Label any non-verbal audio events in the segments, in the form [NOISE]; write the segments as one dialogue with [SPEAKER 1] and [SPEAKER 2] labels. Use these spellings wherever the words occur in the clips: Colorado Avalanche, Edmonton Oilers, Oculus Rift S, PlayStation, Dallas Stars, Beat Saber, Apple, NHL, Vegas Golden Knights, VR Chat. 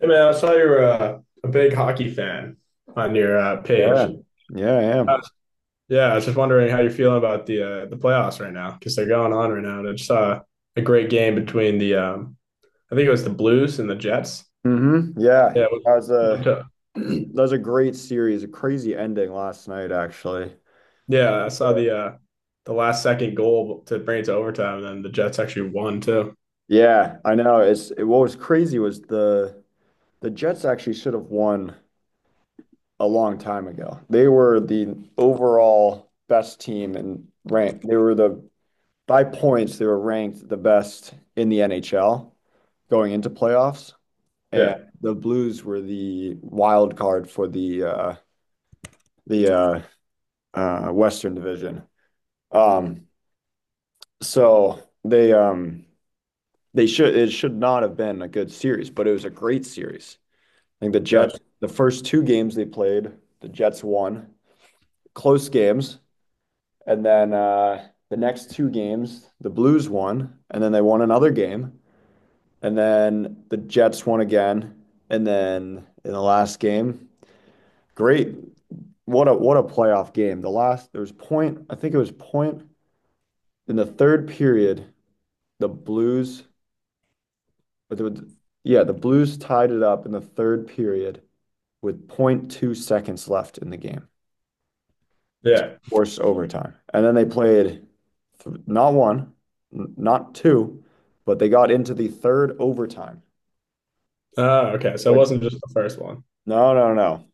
[SPEAKER 1] Hey man, I saw you're a big hockey fan on your
[SPEAKER 2] Yeah,
[SPEAKER 1] page.
[SPEAKER 2] yeah, I
[SPEAKER 1] Uh,
[SPEAKER 2] am.
[SPEAKER 1] yeah, I was just wondering how you're feeling about the the playoffs right now because they're going on right now. And I just saw a great game between the I think it was the Blues and the Jets.
[SPEAKER 2] Mm-hmm. Yeah,
[SPEAKER 1] Yeah, it was-
[SPEAKER 2] that was
[SPEAKER 1] went
[SPEAKER 2] a
[SPEAKER 1] to-
[SPEAKER 2] [CLEARS THROAT] that was a great series, a crazy ending last night, actually.
[SPEAKER 1] yeah, I saw
[SPEAKER 2] Yeah,
[SPEAKER 1] the last second goal to bring it to overtime, and then the Jets actually won too. Yeah,
[SPEAKER 2] yeah, I know. What was crazy was the Jets actually should have won a long time ago. They were the overall best team and ranked. They were the by points. They were ranked the best in the NHL going into playoffs, and
[SPEAKER 1] Yeah,
[SPEAKER 2] the Blues were the wild card for the the uh, Western Division. Um, so they should it should not have been a good series, but it was a great series. I think the Jets,
[SPEAKER 1] gotcha.
[SPEAKER 2] the first two games they played, the Jets won close games, and then the next two games the Blues won, and then they won another game, and then the Jets won again, and then in the last game, great. What a playoff game. The last there was point, I think it was point in the third period the Blues, the- yeah, the Blues tied it up in the third period with zero point 0.2 seconds left in the game,
[SPEAKER 1] Yeah.
[SPEAKER 2] forced overtime. And then they played not one, not two, but they got into the third overtime,
[SPEAKER 1] Oh, okay. So it
[SPEAKER 2] which
[SPEAKER 1] wasn't just the first one.
[SPEAKER 2] no, no, no.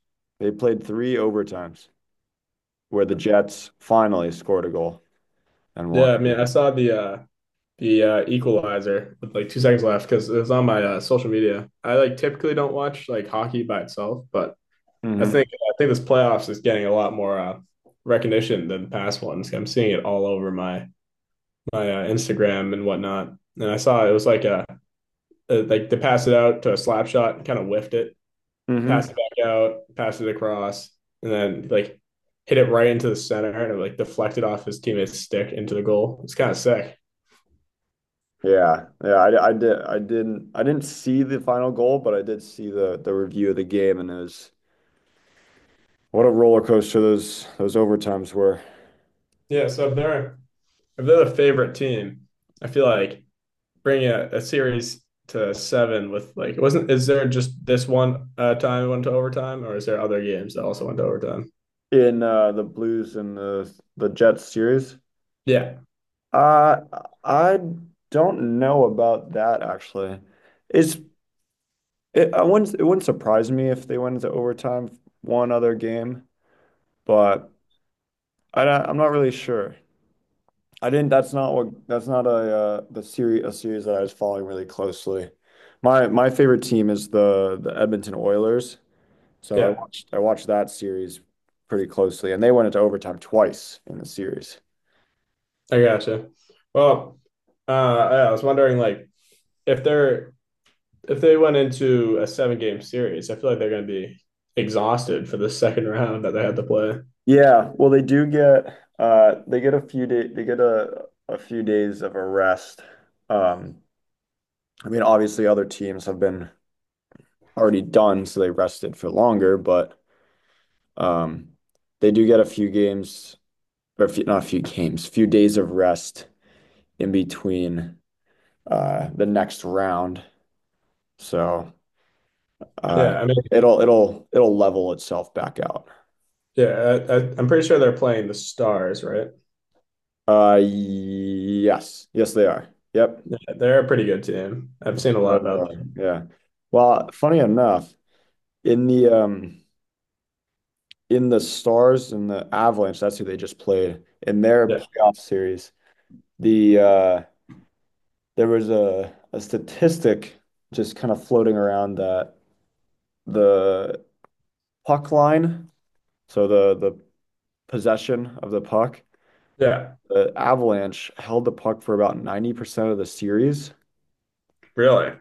[SPEAKER 2] They played three overtimes where the Jets finally scored a goal and won.
[SPEAKER 1] Yeah, I mean, I saw the Equalizer with like 2 seconds left because it was on my social media. I like typically don't watch like hockey by itself, but I
[SPEAKER 2] Hmm.
[SPEAKER 1] think I think this playoffs is getting a lot more recognition than the past ones. I'm seeing it all over my Instagram and whatnot. And I saw it was like a like to pass it out to a slap shot, kind of whiffed it,
[SPEAKER 2] Hmm.
[SPEAKER 1] pass it back out, pass it across, and then like hit it right into the center and it like deflected off his teammate's stick into the goal. It's kind of sick.
[SPEAKER 2] Yeah, yeah, I didn't see the final goal, but I did see the review of the game, and it was what a roller coaster those overtimes were
[SPEAKER 1] Yeah, so if they're the favorite team, I feel like bringing a series to 7 with like it wasn't. Is there just this one time went to overtime, or is there other games that also went to overtime?
[SPEAKER 2] in the Blues and the Jets series.
[SPEAKER 1] Yeah,
[SPEAKER 2] Uh, I don't know about that actually. It's I wouldn't it wouldn't surprise me if they went into overtime one other game, but I'm not really sure. I didn't. That's not what. That's not a series that I was following really closely. My favorite team is the Edmonton Oilers. So I
[SPEAKER 1] yeah,
[SPEAKER 2] watched I watched that series pretty closely, and they went into overtime twice in the series.
[SPEAKER 1] I gotcha. Well, yeah, I was wondering like if they're if they went into a 7 game series, I feel like they're going to be exhausted for the [LAUGHS] second round that they had to play. Yeah.
[SPEAKER 2] Yeah, well, they do get they get a few day they get a few days of a rest. Um, I mean, obviously other teams have been already done, so they rested for longer, but um they do get a few games or a few, not a few games, few days of rest in between the next round. So uh
[SPEAKER 1] Yeah, I mean,
[SPEAKER 2] it'll level itself back out.
[SPEAKER 1] yeah, I'm pretty sure they're playing the Stars, right?
[SPEAKER 2] Yes, yes, they are. Yep.
[SPEAKER 1] Yeah, they're a pretty good team. I've seen a lot
[SPEAKER 2] Stars
[SPEAKER 1] about
[SPEAKER 2] are. Yeah. Well, funny enough, in the um in the Stars and the Avalanche, that's who they just played in their
[SPEAKER 1] them.
[SPEAKER 2] playoff series. The uh there was a statistic just kind of floating around that the puck line, so the possession of the puck,
[SPEAKER 1] Yeah,
[SPEAKER 2] the Avalanche held the puck for about 90% of the series.
[SPEAKER 1] really.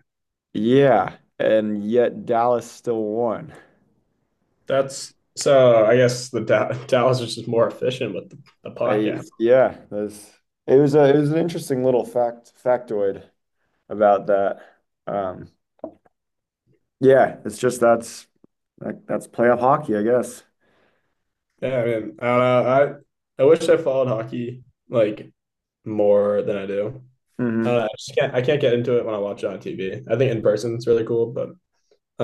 [SPEAKER 2] Yeah, and yet Dallas still won.
[SPEAKER 1] That's so. I guess the Da- [LAUGHS] Dallas is just more efficient with the puck.
[SPEAKER 2] I
[SPEAKER 1] Yeah.
[SPEAKER 2] yeah, that's it was an interesting little factoid about that. Um, yeah, it's just that's, like, that's playoff hockey, I guess.
[SPEAKER 1] Yeah. I mean, I don't know. I wish I followed hockey like more than I do. I don't
[SPEAKER 2] Hmm.
[SPEAKER 1] know. I just can't. I can't get into it when I watch it on TV. I think in person it's really cool, but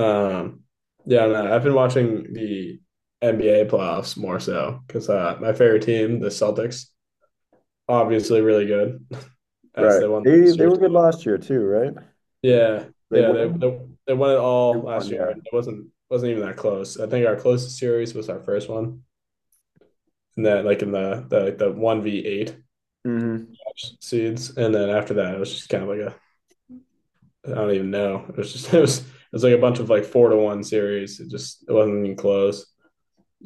[SPEAKER 1] um, yeah. I don't know. I've been watching the NBA playoffs more so because my favorite team, the Celtics, obviously really good as
[SPEAKER 2] Right.
[SPEAKER 1] they won
[SPEAKER 2] They
[SPEAKER 1] last
[SPEAKER 2] they
[SPEAKER 1] year.
[SPEAKER 2] were good last year too, right? They,
[SPEAKER 1] Yeah,
[SPEAKER 2] they
[SPEAKER 1] yeah, they
[SPEAKER 2] won.
[SPEAKER 1] they they won it
[SPEAKER 2] They
[SPEAKER 1] all last
[SPEAKER 2] won,
[SPEAKER 1] year,
[SPEAKER 2] yeah.
[SPEAKER 1] and it wasn't even that close. I think our closest series was our first one, and then like in the one v eight
[SPEAKER 2] Hmm.
[SPEAKER 1] seeds, and then after that it was just kind of like a I don't even know. It was just [LAUGHS] it was like a bunch of like 4-1 series. It just it wasn't even close,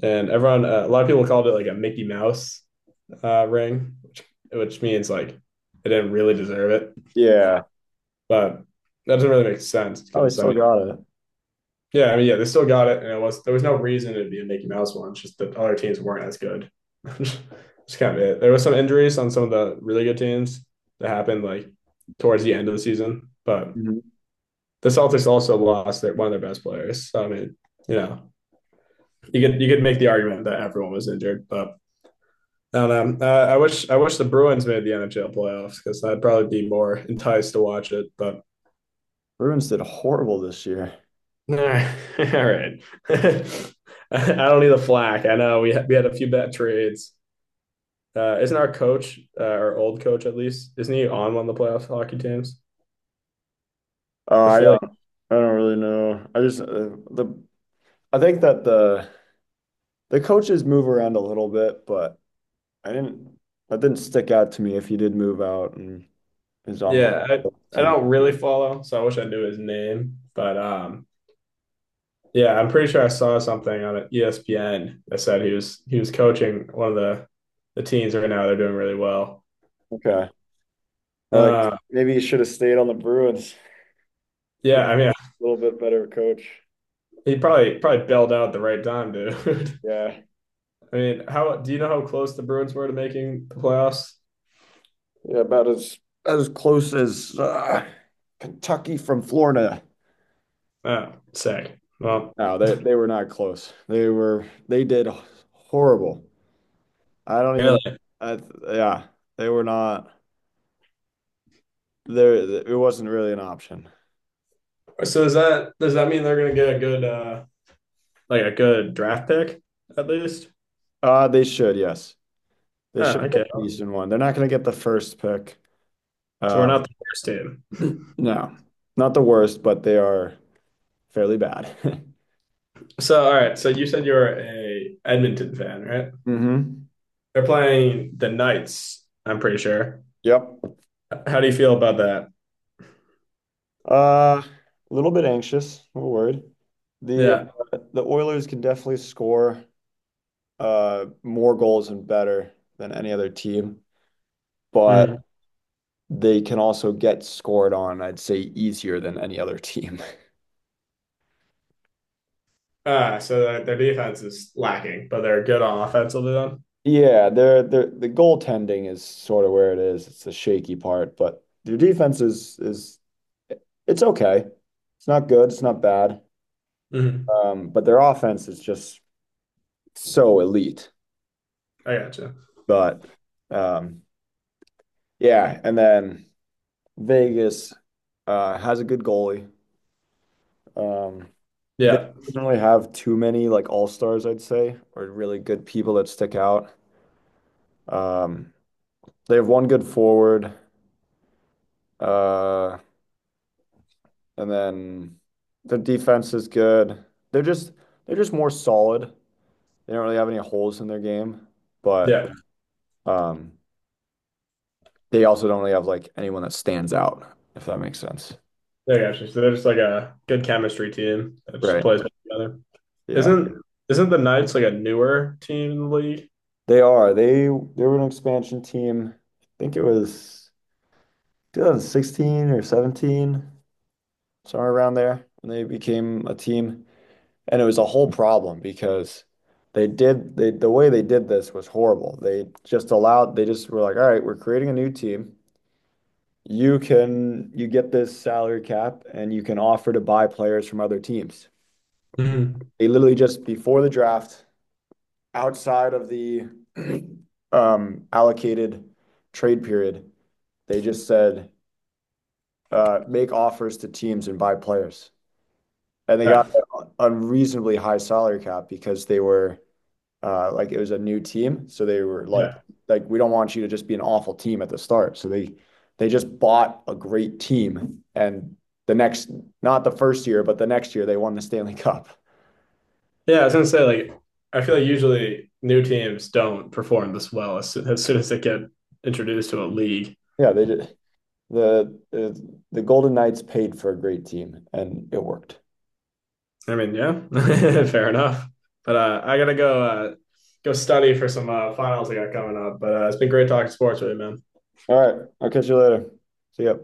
[SPEAKER 1] and everyone a lot of people called it like a Mickey Mouse ring, which means like they didn't really deserve it,
[SPEAKER 2] Yeah.
[SPEAKER 1] but that doesn't really make sense
[SPEAKER 2] Oh, they
[SPEAKER 1] because I
[SPEAKER 2] still
[SPEAKER 1] mean
[SPEAKER 2] got it.
[SPEAKER 1] yeah, I mean, yeah, they still got it, and it was there was no reason it'd be a Mickey Mouse one. It's just that other teams weren't as good. [LAUGHS] It's kind of it. There was some injuries on some of the really good teams that happened like towards the end of the season, but
[SPEAKER 2] Hmm.
[SPEAKER 1] the Celtics also lost one of their best players. So, I mean, you know, you could make the argument that everyone was injured, but I don't know. I wish the Bruins made the NHL playoffs because I'd probably be more enticed to watch it. But
[SPEAKER 2] Bruins did horrible this year.
[SPEAKER 1] all right. [LAUGHS] All right. [LAUGHS] I don't need the flack. I know we had a few bad trades. Isn't our coach, our old coach at least, isn't he on one of the playoff hockey teams?
[SPEAKER 2] Oh,
[SPEAKER 1] I
[SPEAKER 2] I
[SPEAKER 1] feel like,
[SPEAKER 2] don't I don't really know. The I think that the coaches move around a little bit, but I didn't, that didn't stick out to me if he did move out and is on
[SPEAKER 1] yeah, I,
[SPEAKER 2] one
[SPEAKER 1] I
[SPEAKER 2] team.
[SPEAKER 1] don't really follow, so I wish I knew his name. But yeah, I'm pretty sure I saw something on ESPN that said he was coaching one of the teams right now. They're doing really well.
[SPEAKER 2] Okay. Well, like
[SPEAKER 1] Uh,
[SPEAKER 2] maybe he should have stayed on the Bruins. [LAUGHS] A
[SPEAKER 1] yeah, I mean,
[SPEAKER 2] little bit better coach.
[SPEAKER 1] he probably bailed out at the right time, dude. [LAUGHS]
[SPEAKER 2] Yeah.
[SPEAKER 1] I mean, how do you know how close the Bruins were to making the playoffs?
[SPEAKER 2] Yeah, about as close as Kentucky from Florida.
[SPEAKER 1] Oh, sick. Well,
[SPEAKER 2] No, they were not close. They did horrible. I don't even
[SPEAKER 1] really.
[SPEAKER 2] I th- Yeah, they were not there. It wasn't really an option.
[SPEAKER 1] So is that does that mean they're gonna get a good like a good draft pick at least?
[SPEAKER 2] They should, yes. They
[SPEAKER 1] Oh,
[SPEAKER 2] should get
[SPEAKER 1] okay.
[SPEAKER 2] the Eastern one. They're not going to get the first pick.
[SPEAKER 1] So we're
[SPEAKER 2] Um,
[SPEAKER 1] not the worst team.
[SPEAKER 2] [LAUGHS] [CLEARS THROAT] No, not the worst, but they are fairly bad.
[SPEAKER 1] So all right. So you said you're a Edmonton fan, right?
[SPEAKER 2] [LAUGHS] Hmm.
[SPEAKER 1] They're playing the Knights. I'm pretty sure.
[SPEAKER 2] Yep.
[SPEAKER 1] How do you feel about that?
[SPEAKER 2] A little bit anxious, a little worried. The
[SPEAKER 1] Yeah.
[SPEAKER 2] the Oilers can definitely score more goals and better than any other team, but
[SPEAKER 1] Mm-hmm.
[SPEAKER 2] they can also get scored on, I'd say, easier than any other team. [LAUGHS]
[SPEAKER 1] Ah, so their defense is lacking, but they're good on offense. Will be done.
[SPEAKER 2] Yeah, the goaltending is sort of where it is. It's the shaky part, but their defense is it's okay. It's not good, it's not bad.
[SPEAKER 1] Mm-hmm.
[SPEAKER 2] But their offense is just so elite.
[SPEAKER 1] I gotcha.
[SPEAKER 2] But um, yeah, and then Vegas has a good goalie. Um, Vegas
[SPEAKER 1] Yeah.
[SPEAKER 2] doesn't really have too many like all-stars, I'd say, or really good people that stick out. Um, they have one good forward, uh, and then the defense is good. They're just they're just more solid. They don't really have any holes in their game, but
[SPEAKER 1] Yeah.
[SPEAKER 2] um, they also don't really have like anyone that stands out, if that makes sense.
[SPEAKER 1] Yeah, gotcha. So they're just like a good chemistry team that just
[SPEAKER 2] Right.
[SPEAKER 1] plays well together.
[SPEAKER 2] Yeah.
[SPEAKER 1] Isn't isn't the Knights like a newer team in the league?
[SPEAKER 2] They are. They were an expansion team. I think it was 2016 or 17, somewhere around there, when they became a team. And it was a whole problem because the way they did this was horrible. They just were like, all right, we're creating a new team. You get this salary cap and you can offer to buy players from other teams.
[SPEAKER 1] Mhm.
[SPEAKER 2] They literally just before the draft outside of the [CLEARS THROAT] allocated trade period, they just said, "Make offers to teams and buy players." And they got
[SPEAKER 1] Yeah.
[SPEAKER 2] unreasonably high salary cap because they were like it was a new team, so they were like,
[SPEAKER 1] Yeah.
[SPEAKER 2] "We don't want you to just be an awful team at the start." So they just bought a great team, and the next, not the first year, but the next year, they won the Stanley [LAUGHS] Cup.
[SPEAKER 1] Yeah, I was gonna say like I feel like usually new teams don't perform this well as soon soon as they get introduced to a league.
[SPEAKER 2] Yeah, they just, the Golden Knights paid for a great team, and it worked.
[SPEAKER 1] I mean, yeah, [LAUGHS] fair enough. But I gotta go go study for some finals I got coming up. But it's been great talking sports with you, man.
[SPEAKER 2] All right. I'll catch you later. See ya.